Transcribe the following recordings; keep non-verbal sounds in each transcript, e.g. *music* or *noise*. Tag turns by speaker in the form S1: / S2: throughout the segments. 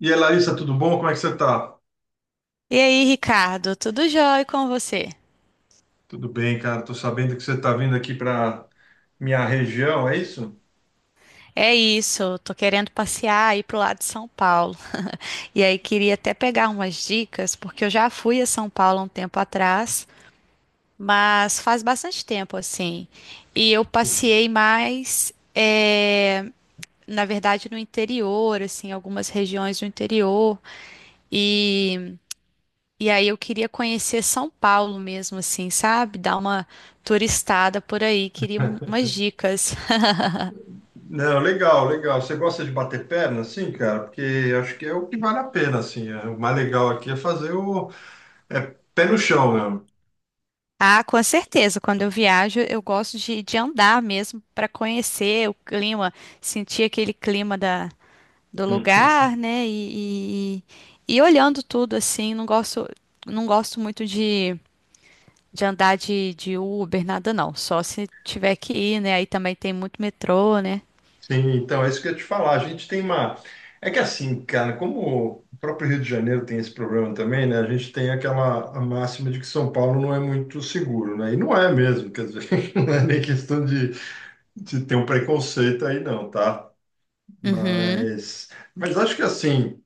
S1: E aí, Larissa, tudo bom? Como é que você tá?
S2: E aí, Ricardo, tudo jóia com você?
S1: Tudo bem, cara. Tô sabendo que você tá vindo aqui para minha região, é isso?
S2: É isso, tô querendo passear aí pro lado de São Paulo. E aí queria até pegar umas dicas, porque eu já fui a São Paulo há um tempo atrás, mas faz bastante tempo assim. E eu
S1: Entendi.
S2: passei mais, na verdade, no interior, assim, algumas regiões do interior. E, e aí eu queria conhecer São Paulo mesmo, assim, sabe? Dar uma turistada por aí, queria umas dicas.
S1: Não, legal, legal. Você gosta de bater perna, sim, cara? Porque acho que é o que vale a pena, assim. É, o mais legal aqui é fazer o é pé no chão, né?
S2: Ah, com certeza. Quando eu viajo, eu gosto de andar mesmo para conhecer o clima, sentir aquele clima do
S1: Uhum.
S2: lugar, né? E olhando tudo assim, não gosto, não gosto muito de andar de Uber, nada não. Só se tiver que ir, né? Aí também tem muito metrô, né?
S1: Sim, então é isso que eu ia te falar. A gente tem uma. É que assim, cara, como o próprio Rio de Janeiro tem esse problema também, né? A gente tem aquela a máxima de que São Paulo não é muito seguro, né? E não é mesmo, quer dizer, *laughs* não é nem questão de ter um preconceito aí não, tá?
S2: Uhum.
S1: Mas, mas acho que assim,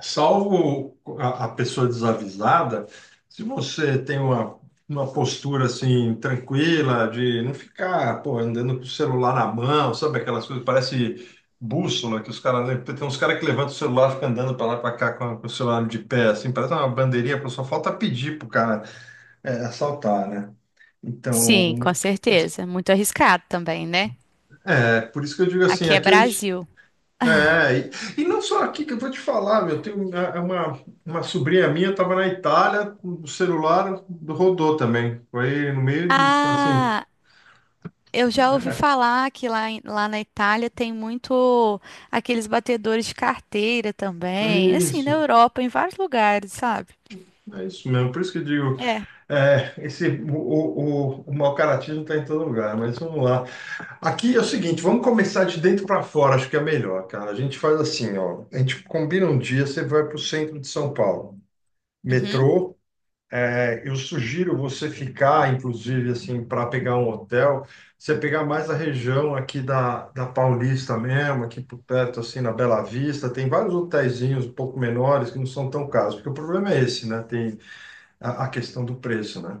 S1: salvo a pessoa desavisada, se você tem uma postura assim tranquila de não ficar, pô, andando com o celular na mão, sabe aquelas coisas, parece bússola que os caras, tem uns caras que levantam o celular, ficam andando para lá para cá com o celular de pé, assim, parece uma bandeirinha, pô, só falta pedir pro cara assaltar, né?
S2: Sim, com
S1: Então,
S2: certeza. Muito arriscado também, né?
S1: por isso que eu digo assim,
S2: Aqui é
S1: aqui a gente.
S2: Brasil.
S1: É, e não só aqui que eu vou te falar, meu, tem uma, uma sobrinha minha estava na Itália, o celular rodou também, foi no meio, assim,
S2: Ah, eu já ouvi
S1: é,
S2: falar que lá, lá na Itália tem muito aqueles batedores de carteira
S1: é
S2: também, assim, na
S1: isso,
S2: Europa, em vários lugares, sabe?
S1: é isso mesmo, por isso que eu digo,
S2: É.
S1: esse, o mau caratismo está em todo lugar, mas vamos lá. Aqui é o seguinte, vamos começar de dentro para fora, acho que é melhor, cara, a gente faz assim, ó, a gente combina um dia, você vai para o centro de São Paulo,
S2: Uhum.
S1: metrô. Eu sugiro você ficar, inclusive, assim, para pegar um hotel, você pegar mais a região aqui da Paulista mesmo, aqui por perto, assim, na Bela Vista, tem vários hotelzinhos um pouco menores que não são tão caros, porque o problema é esse, né? Tem a questão do preço, né?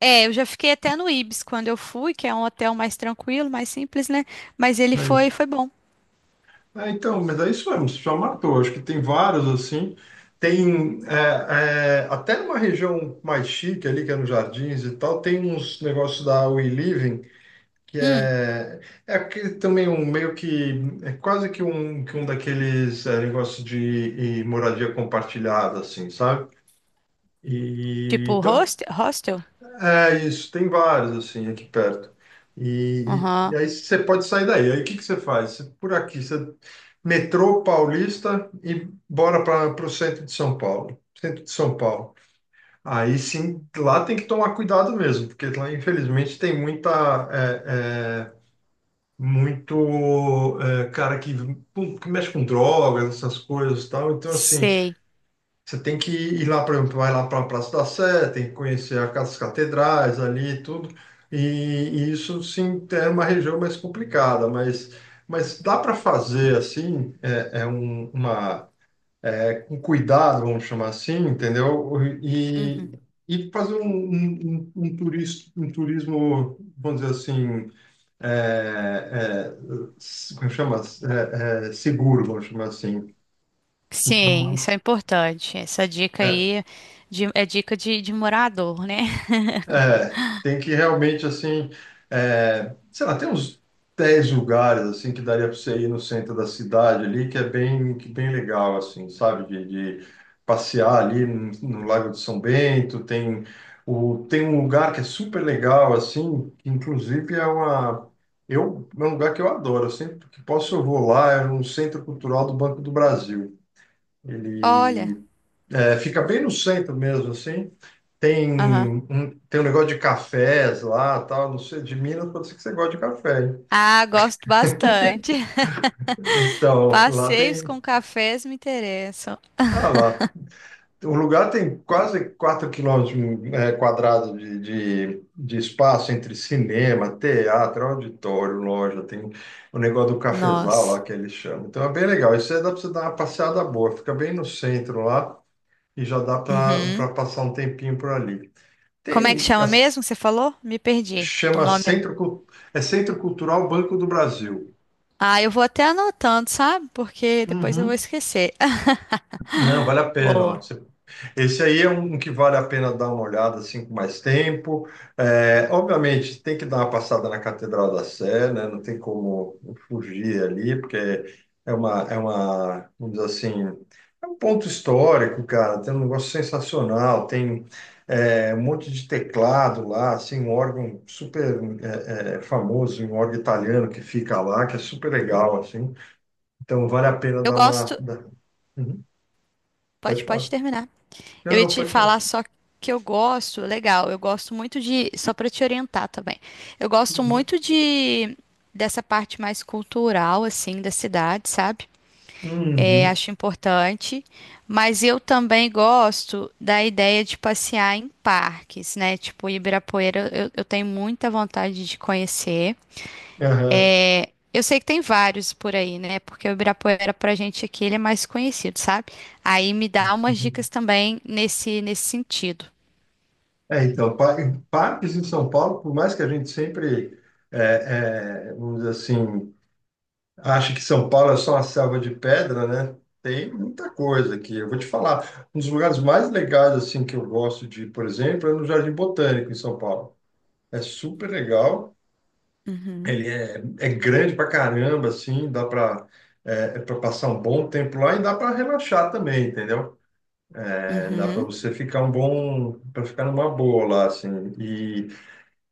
S2: É, eu já fiquei até no Ibis quando eu fui, que é um hotel mais tranquilo, mais simples, né? Mas ele
S1: Não é
S2: foi,
S1: isso.
S2: foi bom.
S1: Então, mas é isso mesmo, você já matou. Acho que tem vários, assim, tem até numa região mais chique ali, que é nos Jardins e tal, tem uns negócios da We Living, que
S2: Hum,
S1: é que também um meio que é quase que um, daqueles negócios de e moradia compartilhada, assim, sabe? E
S2: tipo
S1: então
S2: hostel?
S1: é isso, tem vários assim aqui perto. E
S2: Aham.
S1: aí você pode sair daí. Aí o que que você faz? Por aqui, você metrô Paulista e bora para o centro de São Paulo. Centro de São Paulo. Aí sim, lá tem que tomar cuidado mesmo, porque lá infelizmente tem muita muito cara que mexe com drogas, essas coisas e tal. Então, assim,
S2: Sei.
S1: você tem que ir lá, por exemplo, vai lá para a Praça da Sé, tem que conhecer as catedrais ali e tudo. E isso, sim, é uma região mais complicada, mas dá para fazer, assim, com cuidado, vamos chamar assim, entendeu?
S2: Uhum.
S1: E, e fazer um um turismo, vamos dizer assim, é, é, como chama? Seguro, vamos chamar assim.
S2: Sim,
S1: Então,
S2: isso é importante. Essa dica
S1: é,
S2: aí é dica de morador, né? *laughs*
S1: Tem que realmente, assim, sei lá, tem uns 10 lugares, assim, que daria para você ir no centro da cidade ali, que é bem, que bem legal, assim, sabe? De passear ali no Lago de São Bento, tem, um lugar que é super legal, assim, que inclusive é um lugar que eu adoro, eu sempre que posso eu vou lá, é no Centro Cultural do Banco do Brasil.
S2: Olha.
S1: Ele fica bem no centro mesmo, assim,
S2: Aham.
S1: tem um negócio de cafés lá, tal, não sei, de Minas, pode ser que você goste de café, hein?
S2: Ah, gosto bastante.
S1: Então, lá
S2: Passeios com cafés me interessam.
S1: ah lá, o lugar tem quase 4 quilômetros quadrados de, de espaço entre cinema, teatro, auditório, loja, tem o negócio do cafezal
S2: Nós.
S1: lá que eles chamam. Então é bem legal, isso aí dá para você dar uma passeada boa, fica bem no centro lá e já dá para
S2: Uhum.
S1: para passar um tempinho por ali.
S2: Como é que
S1: Tem
S2: chama
S1: as.
S2: mesmo? Que você falou? Me perdi. O
S1: Chama
S2: nome.
S1: Centro, é Centro Cultural Banco do Brasil.
S2: Ah, eu vou até anotando, sabe? Porque depois eu vou
S1: Uhum.
S2: esquecer. *laughs*
S1: Não, vale a pena, ó.
S2: Boa.
S1: Esse aí é um que vale a pena dar uma olhada assim com mais tempo. É, obviamente, tem que dar uma passada na Catedral da Sé, né? Não tem como fugir ali, porque vamos dizer assim, é um ponto histórico, cara. Tem um negócio sensacional, tem um monte de teclado lá, assim, um órgão super famoso, um órgão italiano que fica lá, que é super legal, assim. Então, vale a pena
S2: Eu gosto.
S1: Uhum, pode
S2: Pode, pode
S1: falar.
S2: terminar.
S1: Não,
S2: Eu ia
S1: não,
S2: te
S1: pode falar.
S2: falar só que eu gosto. Legal. Eu gosto muito de. Só para te orientar também. Eu gosto
S1: Uhum.
S2: muito de dessa parte mais cultural, assim, da cidade, sabe? É,
S1: Uhum.
S2: acho importante, mas eu também gosto da ideia de passear em parques, né? Tipo, Ibirapuera, eu tenho muita vontade de conhecer.
S1: Aham.
S2: É, eu sei que tem vários por aí, né? Porque o Ibirapuera, pra gente aqui, ele é mais conhecido, sabe? Aí me dá umas
S1: Uhum.
S2: dicas também nesse sentido.
S1: Então, em parques em São Paulo, por mais que a gente sempre, é, vamos dizer assim, ache que São Paulo é só uma selva de pedra, né? Tem muita coisa aqui. Eu vou te falar, um dos lugares mais legais, assim, que eu gosto de ir, por exemplo, é no Jardim Botânico, em São Paulo. É super legal,
S2: Uhum,
S1: é grande pra caramba, assim, dá pra, é, pra passar um bom tempo lá e dá pra relaxar também, entendeu? É, dá para
S2: uhum,
S1: você ficar um para ficar numa boa lá, assim. E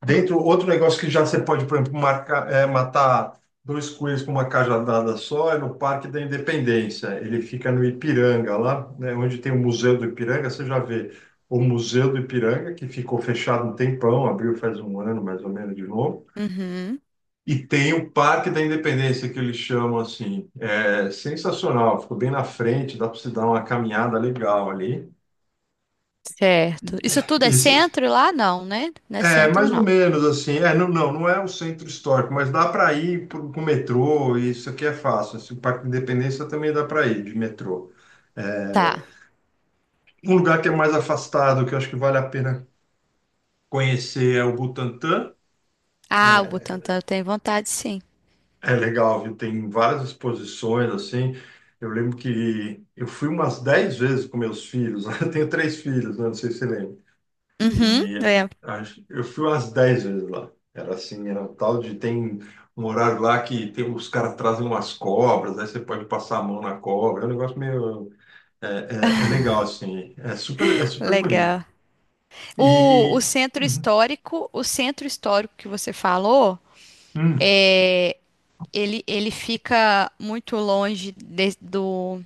S1: dentro, outro negócio que já você pode, por exemplo, marcar, matar dois coelhos com uma cajadada só é no Parque da Independência. Ele fica no Ipiranga, lá, né, onde tem o Museu do Ipiranga, você já vê o Museu do Ipiranga, que ficou fechado um tempão, abriu faz um ano mais ou menos de novo.
S2: uhum.
S1: E tem o Parque da Independência, que eles chamam assim. É sensacional, ficou bem na frente, dá para você dar uma caminhada legal ali.
S2: Certo. Isso tudo é
S1: Esse,
S2: centro lá? Não, né? Não é
S1: É,
S2: centro,
S1: mais ou
S2: não.
S1: menos assim. É, não, não, não é o centro histórico, mas dá para ir pro metrô, e isso aqui é fácil. Esse Parque da Independência também dá para ir de metrô. É,
S2: Tá.
S1: Um lugar que é mais afastado, que eu acho que vale a pena conhecer, é o Butantã.
S2: Ah, o
S1: É,
S2: Butantã eu tenho vontade, sim.
S1: é legal, viu? Tem várias exposições assim. Eu lembro que eu fui umas 10 vezes com meus filhos. *laughs* Eu tenho três filhos, né? Não sei se você lembra.
S2: Uhum,
S1: E
S2: lembro.
S1: eu fui umas 10 vezes lá. Era assim, era um tal de tem um horário lá que tem, os caras trazem umas cobras, aí você pode passar a mão na cobra. É um negócio meio. É, é legal, assim. É super bonito.
S2: Legal.
S1: E. Uhum.
S2: O centro histórico que você falou,
S1: Hum.
S2: é, ele fica muito longe do,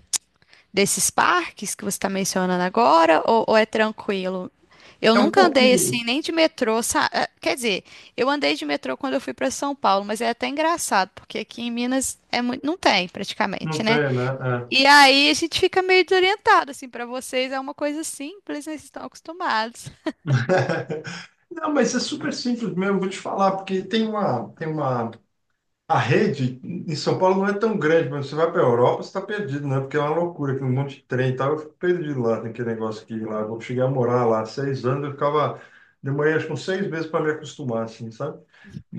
S2: desses parques que você está mencionando agora, ou é tranquilo? Eu
S1: É um
S2: nunca andei
S1: pouquinho.
S2: assim, nem de metrô, quer dizer, eu andei de metrô quando eu fui para São Paulo, mas é até engraçado, porque aqui em Minas é muito, não tem
S1: Não
S2: praticamente, né?
S1: tem, né?
S2: E aí a gente fica meio desorientado, assim, para vocês é uma coisa simples, né? Vocês estão acostumados.
S1: É. *laughs* Não, mas é super simples mesmo, vou te falar, porque tem uma, a rede em São Paulo não é tão grande, mas você vai para a Europa, você está perdido, né? Porque é uma loucura, que um monte de trem e tal. Eu fico perdido lá, tem aquele negócio aqui lá. Eu cheguei a morar lá 6 anos, eu ficava. Demorei acho que uns 6 meses para me acostumar, assim, sabe?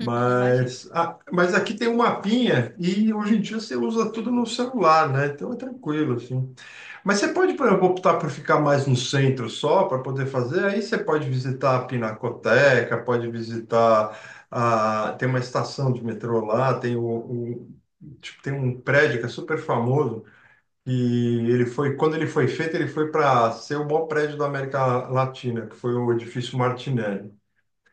S2: Uhum, imagina.
S1: ah, mas aqui tem um mapinha e hoje em dia você usa tudo no celular, né? Então é tranquilo, assim. Mas você pode, por exemplo, optar por ficar mais no centro só para poder fazer. Aí você pode visitar a Pinacoteca, pode visitar Tem uma estação de metrô lá, tipo, tem um prédio que é super famoso. E ele foi, quando ele foi feito, ele foi para ser o maior prédio da América Latina, que foi o edifício Martinelli.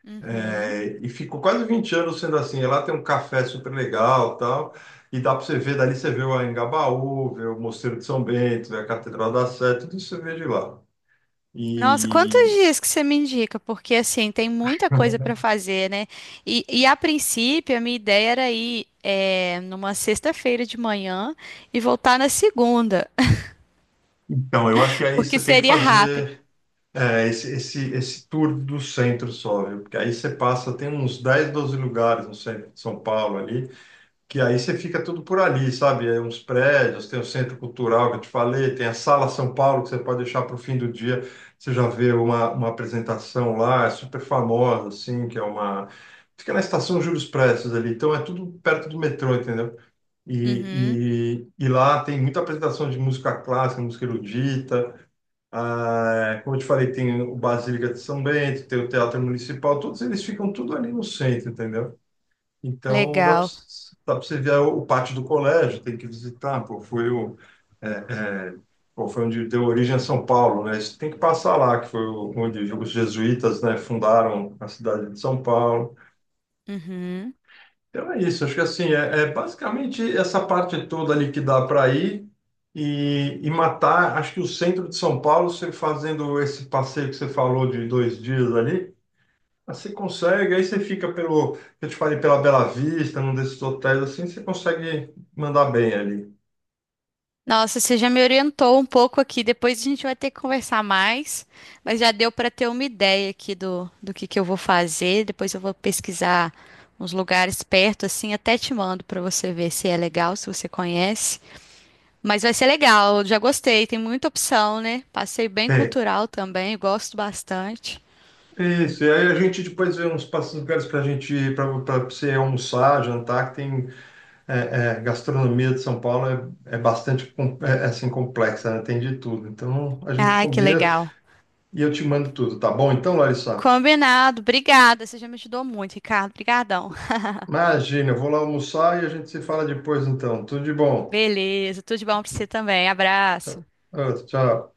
S2: Uhum.
S1: E ficou quase 20 anos sendo assim. E lá tem um café super legal, tal. E dá para você ver, dali você vê o Engabaú, vê o Mosteiro de São Bento, vê a Catedral da Sé, tudo isso você vê de lá.
S2: Nossa, quantos
S1: E
S2: dias que você me indica? Porque assim, tem muita coisa para fazer, né? E a princípio, a minha ideia era ir é numa sexta-feira de manhã e voltar na segunda,
S1: então, eu acho que
S2: *laughs*
S1: aí
S2: porque
S1: você tem que
S2: seria rápido.
S1: fazer esse tour do centro só, viu? Porque aí você passa, tem uns 10 12 lugares no centro de São Paulo ali, que aí você fica tudo por ali, sabe? É uns prédios, tem o Centro Cultural que eu te falei, tem a Sala São Paulo que você pode deixar para o fim do dia, você já vê uma apresentação lá, é super famosa, assim, Fica na Estação Júlio Prestes ali, então é tudo perto do metrô, entendeu?
S2: Uhum.
S1: E lá tem muita apresentação de música clássica, música erudita, ah, como eu te falei, tem o Basílica de São Bento, tem o Teatro Municipal, todos eles ficam tudo ali no centro, entendeu? Então, dá
S2: Legal.
S1: para você ver o pátio do colégio, tem que visitar, pô, foi o, é, é, pô, foi onde deu origem a São Paulo, né? Isso tem que passar lá, que onde os jesuítas, né, fundaram a cidade de São Paulo.
S2: Uhum.
S1: Então é isso, acho que assim, basicamente essa parte toda ali que dá para ir e matar, acho que o centro de São Paulo, você fazendo esse passeio que você falou de 2 dias ali, mas você consegue, aí você fica pelo, eu te falei, pela Bela Vista, num desses hotéis assim, você consegue mandar bem ali.
S2: Nossa, você já me orientou um pouco aqui. Depois a gente vai ter que conversar mais, mas já deu para ter uma ideia aqui do que eu vou fazer. Depois eu vou pesquisar uns lugares perto, assim, até te mando para você ver se é legal, se você conhece. Mas vai ser legal, eu já gostei, tem muita opção, né? Passei bem
S1: É,
S2: cultural também, gosto bastante.
S1: isso. E aí a gente depois vê uns passos lugares para a gente ir, para você almoçar, jantar, que tem gastronomia de São Paulo é bastante assim, complexa, né? Tem de tudo. Então a gente
S2: Ai, que
S1: combina
S2: legal.
S1: e eu te mando tudo, tá bom? Então, Larissa,
S2: Combinado, obrigada. Você já me ajudou muito, Ricardo. Obrigadão.
S1: imagina, eu vou lá almoçar e a gente se fala depois então. Tudo de bom.
S2: Beleza, tudo de bom para você também.
S1: Tchau.
S2: Abraço.
S1: Ah, tchau.